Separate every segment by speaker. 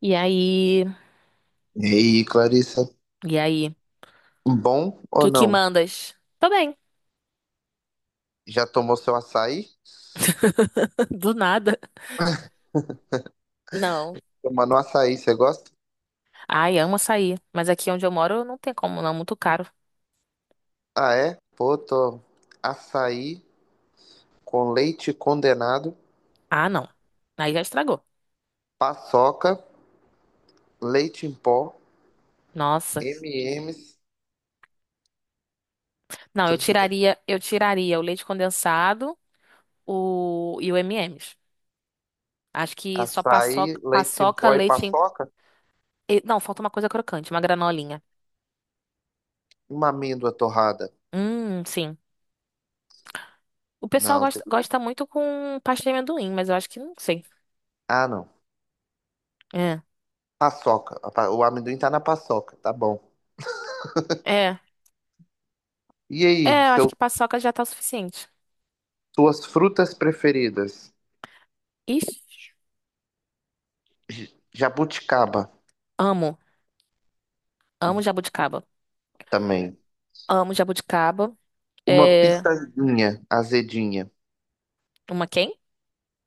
Speaker 1: E aí?
Speaker 2: E aí, Clarissa,
Speaker 1: E aí? O
Speaker 2: bom ou
Speaker 1: que que
Speaker 2: não?
Speaker 1: mandas? Tô bem.
Speaker 2: Já tomou seu açaí?
Speaker 1: Do nada. Não.
Speaker 2: Tomando açaí, você gosta?
Speaker 1: Ai, amo açaí. Mas aqui onde eu moro não tem como, não. Muito caro.
Speaker 2: Ah, é? Pô, tô açaí com leite condenado,
Speaker 1: Ah, não. Aí já estragou.
Speaker 2: paçoca, leite em pó,
Speaker 1: Nossa.
Speaker 2: M&M's,
Speaker 1: Não, eu
Speaker 2: tudo de bom.
Speaker 1: tiraria, eu tiraria o leite condensado, o e o M&M's. Acho que só
Speaker 2: Açaí,
Speaker 1: paçoca,
Speaker 2: leite em
Speaker 1: paçoca,
Speaker 2: pó e
Speaker 1: leite em...
Speaker 2: paçoca?
Speaker 1: Não, falta uma coisa crocante, uma granolinha.
Speaker 2: Uma amêndoa torrada.
Speaker 1: Sim. O pessoal
Speaker 2: Não,
Speaker 1: gosta, gosta muito com pasta de amendoim, mas eu acho que não sei.
Speaker 2: ah, não.
Speaker 1: É.
Speaker 2: Paçoca. O amendoim tá na paçoca, tá bom.
Speaker 1: É.
Speaker 2: E aí,
Speaker 1: É, eu acho que paçoca já tá o suficiente.
Speaker 2: suas frutas preferidas?
Speaker 1: Ixi,
Speaker 2: Jabuticaba
Speaker 1: amo. Amo jabuticaba.
Speaker 2: também.
Speaker 1: Amo jabuticaba.
Speaker 2: Uma
Speaker 1: É...
Speaker 2: pitanguinha azedinha.
Speaker 1: Uma quem?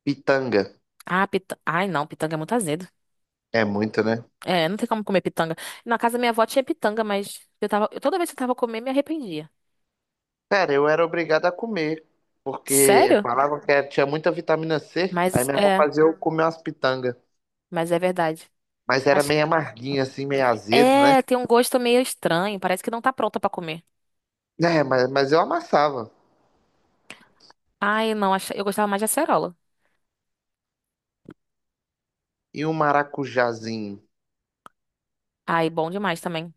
Speaker 2: Pitanga.
Speaker 1: Ah, pitanga. Ai, não, pitanga é muito azedo.
Speaker 2: É muito, né?
Speaker 1: É, não tem como comer pitanga. Na casa da minha avó tinha pitanga, mas toda vez que eu tava comendo, me arrependia.
Speaker 2: Cara, eu era obrigado a comer, porque
Speaker 1: Sério?
Speaker 2: falava que tinha muita vitamina C, aí
Speaker 1: Mas
Speaker 2: minha avó
Speaker 1: é,
Speaker 2: fazia eu comer umas pitangas.
Speaker 1: mas é verdade.
Speaker 2: Mas era
Speaker 1: Acho
Speaker 2: meio amarguinha, assim, meio azedo, né?
Speaker 1: é, tem um gosto meio estranho, parece que não tá pronta pra comer.
Speaker 2: É, mas eu amassava.
Speaker 1: Ai, não, eu gostava mais de acerola.
Speaker 2: E um maracujazinho?
Speaker 1: Ai, bom demais também.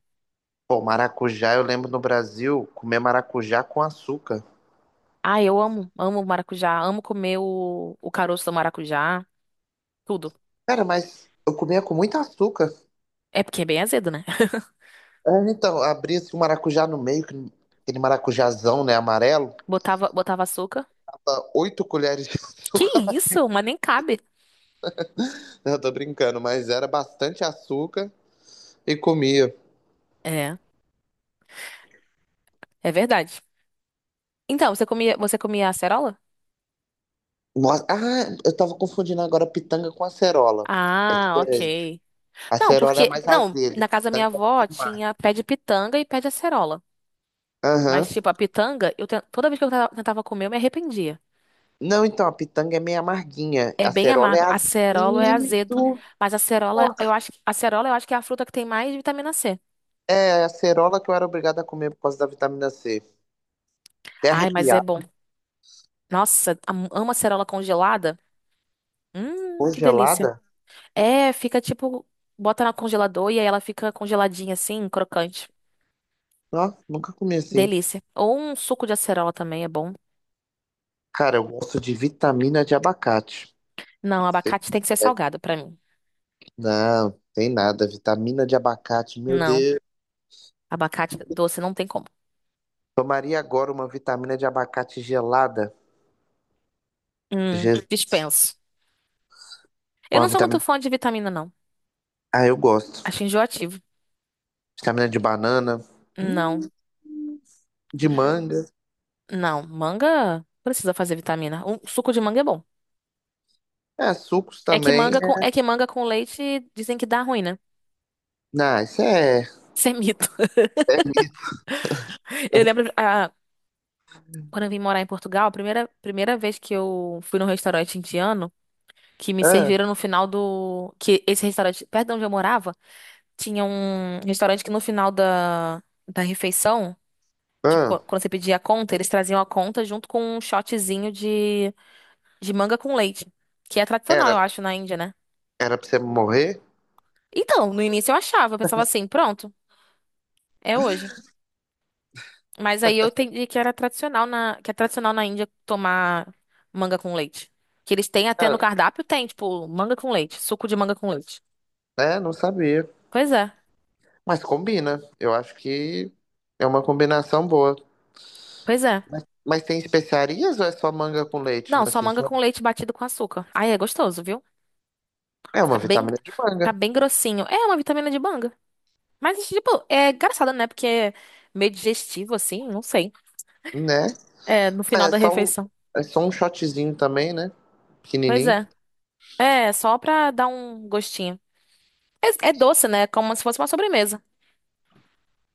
Speaker 2: Pô, maracujá, eu lembro no Brasil, comer maracujá com açúcar.
Speaker 1: Ai, eu amo maracujá, amo comer o caroço do maracujá, tudo.
Speaker 2: Cara, mas eu comia com muito açúcar.
Speaker 1: É porque é bem azedo, né?
Speaker 2: É, então, abria-se o maracujá no meio, aquele maracujazão, né, amarelo.
Speaker 1: Botava, botava açúcar.
Speaker 2: Tava oito colheres de
Speaker 1: Que
Speaker 2: açúcar.
Speaker 1: isso? Mas nem cabe.
Speaker 2: Eu tô brincando, mas era bastante açúcar e comia.
Speaker 1: É, é verdade. Então, você comia acerola?
Speaker 2: Nossa, ah, eu tava confundindo agora pitanga com acerola. É
Speaker 1: Ah,
Speaker 2: diferente.
Speaker 1: ok.
Speaker 2: A
Speaker 1: Não,
Speaker 2: acerola é
Speaker 1: porque,
Speaker 2: mais
Speaker 1: não,
Speaker 2: azedo,
Speaker 1: na casa da minha
Speaker 2: pitanga é mais
Speaker 1: avó
Speaker 2: amarga.
Speaker 1: tinha pé de pitanga e pé de acerola. Mas,
Speaker 2: Aham.
Speaker 1: tipo, a pitanga, toda vez que tentava comer, eu me arrependia.
Speaker 2: Não, então, a pitanga é meio amarguinha.
Speaker 1: É
Speaker 2: A
Speaker 1: bem
Speaker 2: acerola é
Speaker 1: amargo. Acerola é azedo.
Speaker 2: azedo.
Speaker 1: Mas acerola, eu acho que é a fruta que tem mais vitamina C.
Speaker 2: É, a acerola que eu era obrigado a comer por causa da vitamina C. Até
Speaker 1: Ai, mas é
Speaker 2: arrepiar.
Speaker 1: bom. Nossa, amo acerola congelada. Que delícia.
Speaker 2: Congelada?
Speaker 1: É, fica tipo, bota na congelador e aí ela fica congeladinha assim, crocante.
Speaker 2: Ó, nunca comi assim.
Speaker 1: Delícia. Ou um suco de acerola também é bom.
Speaker 2: Cara, eu gosto de vitamina de abacate.
Speaker 1: Não, abacate tem que ser salgado pra mim.
Speaker 2: Não, tem nada. Vitamina de abacate, meu
Speaker 1: Não,
Speaker 2: Deus.
Speaker 1: abacate doce não tem como.
Speaker 2: Tomaria agora uma vitamina de abacate gelada. Je-
Speaker 1: Dispenso. Eu
Speaker 2: Uma
Speaker 1: não sou muito
Speaker 2: vitamina.
Speaker 1: fã de vitamina, não.
Speaker 2: Ah, eu gosto.
Speaker 1: Acho enjoativo.
Speaker 2: Vitamina de banana, hum,
Speaker 1: Não,
Speaker 2: de manga.
Speaker 1: não. Manga precisa fazer vitamina. Um suco de manga é bom.
Speaker 2: É, sucos
Speaker 1: É que
Speaker 2: também.
Speaker 1: manga com, é
Speaker 2: É.
Speaker 1: que manga com leite dizem que dá ruim, né?
Speaker 2: Não, isso é.
Speaker 1: Isso é mito.
Speaker 2: é-
Speaker 1: Eu lembro, quando eu vim morar em Portugal, a primeira, primeira vez que eu fui num restaurante indiano, que me
Speaker 2: ah,
Speaker 1: serviram no final do. Que esse restaurante, perto de onde eu morava, tinha um restaurante que no final da, refeição, tipo,
Speaker 2: ah,
Speaker 1: quando você pedia a conta, eles traziam a conta junto com um shotzinho de manga com leite, que é tradicional,
Speaker 2: era,
Speaker 1: eu acho, na Índia, né?
Speaker 2: era pra você morrer?
Speaker 1: Então, no início eu achava, eu pensava assim, pronto, é hoje. Mas aí eu entendi que é tradicional na Índia tomar manga com leite. Que eles têm até
Speaker 2: Ah,
Speaker 1: no cardápio, tem, tipo, manga com leite, suco de manga com leite.
Speaker 2: é, não sabia.
Speaker 1: Pois é,
Speaker 2: Mas combina. Eu acho que é uma combinação boa.
Speaker 1: pois é.
Speaker 2: Mas tem especiarias ou é só manga com leite, né?
Speaker 1: Não, só
Speaker 2: Assim,
Speaker 1: manga
Speaker 2: só.
Speaker 1: com leite batido com açúcar. Aí é gostoso, viu?
Speaker 2: É
Speaker 1: Fica
Speaker 2: uma
Speaker 1: bem,
Speaker 2: vitamina de
Speaker 1: fica
Speaker 2: manga,
Speaker 1: bem grossinho. É uma vitamina de manga. Mas, tipo, é engraçado, né? Porque é meio digestivo, assim, não sei.
Speaker 2: né?
Speaker 1: É, no
Speaker 2: Mas
Speaker 1: final
Speaker 2: É
Speaker 1: da
Speaker 2: só um,
Speaker 1: refeição.
Speaker 2: é só um shotzinho também, né?
Speaker 1: Pois
Speaker 2: Pequenininho.
Speaker 1: é. É, só pra dar um gostinho. É, é doce, né? Como se fosse uma sobremesa.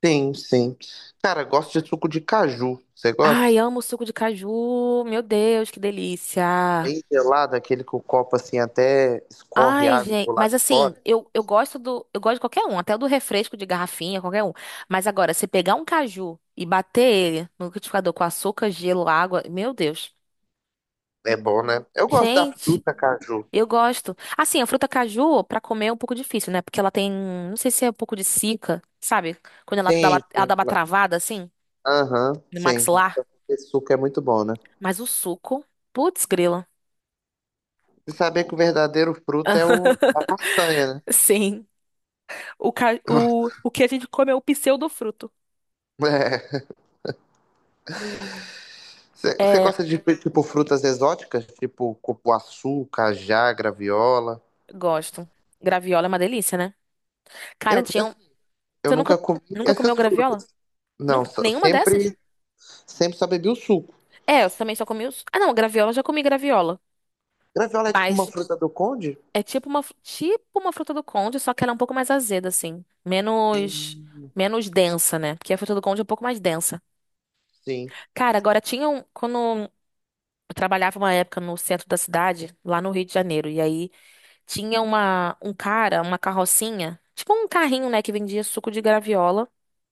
Speaker 2: Sim, sim. Cara, gosto de suco de caju. Você gosta?
Speaker 1: Ai, amo o suco de caju. Meu Deus, que delícia.
Speaker 2: Bem gelado, aquele que o copo assim até escorre
Speaker 1: Ai,
Speaker 2: água
Speaker 1: gente,
Speaker 2: pro
Speaker 1: mas
Speaker 2: lado de
Speaker 1: assim,
Speaker 2: fora.
Speaker 1: eu gosto de qualquer um, até o do refresco de garrafinha, qualquer um. Mas agora, se pegar um caju e bater ele no liquidificador com açúcar, gelo, água, meu Deus.
Speaker 2: É bom, né? Eu gosto da
Speaker 1: Gente,
Speaker 2: fruta caju.
Speaker 1: eu gosto. Assim, a fruta caju pra comer é um pouco difícil, né? Porque ela tem, não sei se é um pouco de cica, sabe? Quando ela dá
Speaker 2: Sim,
Speaker 1: uma, ela
Speaker 2: sim.
Speaker 1: dá uma travada assim
Speaker 2: Aham,
Speaker 1: no
Speaker 2: sim. Mas
Speaker 1: maxilar,
Speaker 2: esse suco é muito bom, né?
Speaker 1: mas o suco, putz, grila.
Speaker 2: Você sabia que o verdadeiro fruto é a castanha, né?
Speaker 1: Sim, o que a gente come é o pseudofruto.
Speaker 2: É. Você
Speaker 1: É.
Speaker 2: gosta de, tipo, frutas exóticas? Tipo cupuaçu, cajá, graviola?
Speaker 1: Gosto. Graviola é uma delícia, né? Cara,
Speaker 2: Eu,
Speaker 1: tinha um...
Speaker 2: assim, eu
Speaker 1: Você nunca,
Speaker 2: nunca comi
Speaker 1: nunca comeu
Speaker 2: essas
Speaker 1: graviola?
Speaker 2: frutas. Não,
Speaker 1: Nunca... Nenhuma dessas?
Speaker 2: sempre só bebi o suco.
Speaker 1: É, eu também só comi os... Ah, não, graviola, eu já comi graviola.
Speaker 2: Graviola é tipo uma
Speaker 1: Mas
Speaker 2: fruta do conde?
Speaker 1: é tipo uma fruta do conde, só que ela é um pouco mais azeda, assim. Menos... Menos densa, né? Porque a fruta do conde é um pouco mais densa.
Speaker 2: Sim.
Speaker 1: Cara, agora tinha um... Quando eu trabalhava uma época no centro da cidade, lá no Rio de Janeiro, e aí tinha uma, um cara, uma carrocinha, tipo um carrinho, né, que vendia suco de graviola.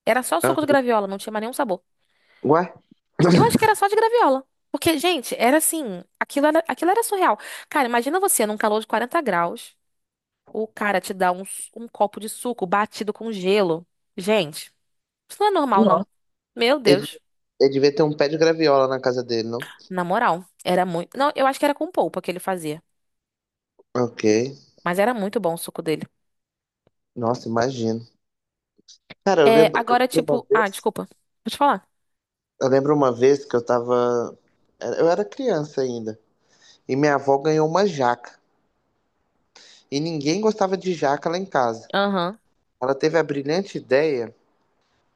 Speaker 1: Era só suco de
Speaker 2: Uhum.
Speaker 1: graviola, não tinha mais nenhum sabor.
Speaker 2: Ué?
Speaker 1: Eu acho que era só de graviola. Porque, gente, era assim, aquilo era surreal. Cara, imagina você num calor de 40 graus, o cara te dá um copo de suco batido com gelo. Gente, isso não é normal, não.
Speaker 2: Nossa.
Speaker 1: Meu
Speaker 2: Ele
Speaker 1: Deus.
Speaker 2: ele devia ter um pé de graviola na casa dele, não?
Speaker 1: Na moral, era muito. Não, eu acho que era com polpa que ele fazia.
Speaker 2: Ok.
Speaker 1: Mas era muito bom o suco dele.
Speaker 2: Nossa, imagino. Cara, eu
Speaker 1: É,
Speaker 2: lembro, eu
Speaker 1: agora,
Speaker 2: lembro uma
Speaker 1: tipo. Ah,
Speaker 2: vez.
Speaker 1: desculpa. Vou te falar.
Speaker 2: Eu lembro uma vez que eu tava. Eu era criança ainda. E minha avó ganhou uma jaca. E ninguém gostava de jaca lá em casa.
Speaker 1: Aham.
Speaker 2: Ela teve a brilhante ideia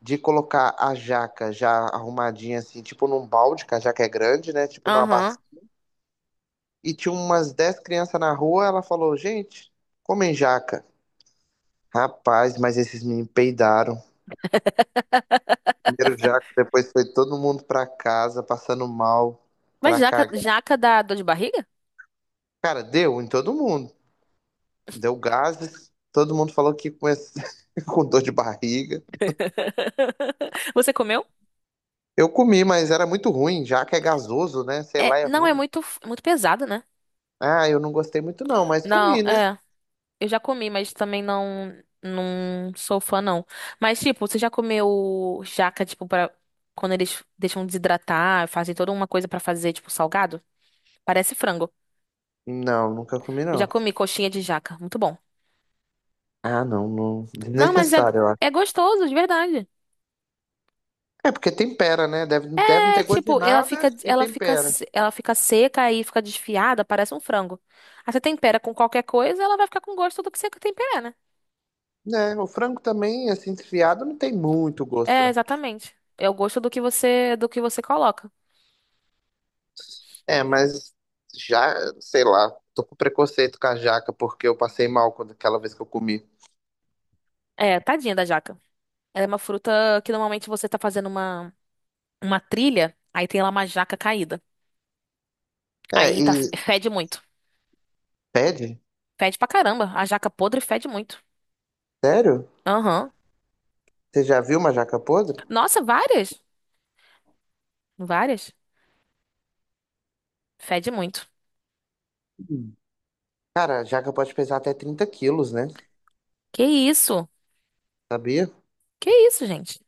Speaker 2: de colocar a jaca já arrumadinha, assim, tipo num balde, que a jaca é grande, né? Tipo numa bacia,
Speaker 1: Aham.
Speaker 2: e tinha umas 10 crianças na rua. Ela falou: Gente, comem jaca. Rapaz, mas esses meninos peidaram. Primeiro jaca, depois foi todo mundo pra casa, passando mal,
Speaker 1: Mas
Speaker 2: pra
Speaker 1: jaca,
Speaker 2: cagar.
Speaker 1: jaca dá dor de barriga?
Speaker 2: Cara, deu em todo mundo. Deu gases. Todo mundo falou que com dor de barriga.
Speaker 1: Você comeu?
Speaker 2: Eu comi, mas era muito ruim. Jaca é gasoso, né? Sei lá,
Speaker 1: É,
Speaker 2: é
Speaker 1: não, é
Speaker 2: ruim.
Speaker 1: muito, muito pesado, né?
Speaker 2: Ah, eu não gostei muito não, mas
Speaker 1: Não,
Speaker 2: comi, né?
Speaker 1: é. Eu já comi, mas também não, não sou fã, não. Mas, tipo, você já comeu jaca, tipo, pra quando eles deixam desidratar, fazem toda uma coisa pra fazer, tipo, salgado? Parece frango.
Speaker 2: Não, nunca comi
Speaker 1: Eu já
Speaker 2: não.
Speaker 1: comi coxinha de jaca. Muito bom.
Speaker 2: Ah, não, não.
Speaker 1: Não, mas é,
Speaker 2: Desnecessário. Eu
Speaker 1: é gostoso, de verdade.
Speaker 2: É porque tempera, né? Deve não
Speaker 1: É
Speaker 2: ter gosto de
Speaker 1: tipo,
Speaker 2: nada e
Speaker 1: ela fica,
Speaker 2: tempera.
Speaker 1: se- ela fica seca e fica desfiada, parece um frango. Aí você tempera com qualquer coisa, ela vai ficar com gosto do que você tempera, né?
Speaker 2: Né? O frango também, assim, desfiado, não tem muito gosto,
Speaker 1: É,
Speaker 2: né?
Speaker 1: exatamente. É o gosto do que você coloca.
Speaker 2: É, mas já, sei lá, tô com preconceito com a jaca porque eu passei mal quando, aquela vez que eu comi.
Speaker 1: É, tadinha da jaca. Ela é uma fruta que normalmente você tá fazendo uma trilha, aí tem lá uma jaca caída.
Speaker 2: É,
Speaker 1: Aí tá,
Speaker 2: e
Speaker 1: fede muito.
Speaker 2: pede?
Speaker 1: Fede pra caramba. A jaca podre fede muito.
Speaker 2: Sério?
Speaker 1: Aham.
Speaker 2: Você já viu uma jaca podre?
Speaker 1: Nossa, várias? Várias? Fede muito.
Speaker 2: Hum. Cara, a jaca pode pesar até 30 quilos, né?
Speaker 1: Que isso?
Speaker 2: Sabia?
Speaker 1: Que isso, gente?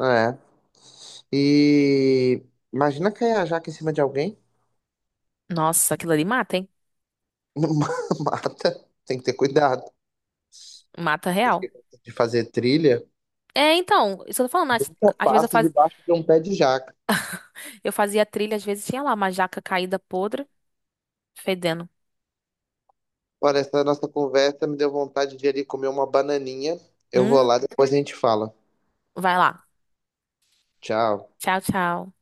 Speaker 2: É. E imagina cair a jaca em cima de alguém.
Speaker 1: Nossa, aquilo ali mata, hein?
Speaker 2: Mata. Tem que ter cuidado.
Speaker 1: Mata
Speaker 2: Tem que ter
Speaker 1: real.
Speaker 2: cuidado de fazer trilha.
Speaker 1: É, então, isso eu tô falando. Às,
Speaker 2: Nunca
Speaker 1: às vezes
Speaker 2: passo debaixo de um pé de jaca.
Speaker 1: eu fazia trilha, às vezes tinha lá uma jaca caída podre, fedendo.
Speaker 2: Olha, essa nossa conversa me deu vontade de ir ali comer uma bananinha. Eu vou
Speaker 1: Hum,
Speaker 2: lá, depois a gente fala.
Speaker 1: vai lá.
Speaker 2: Tchau.
Speaker 1: Tchau, tchau.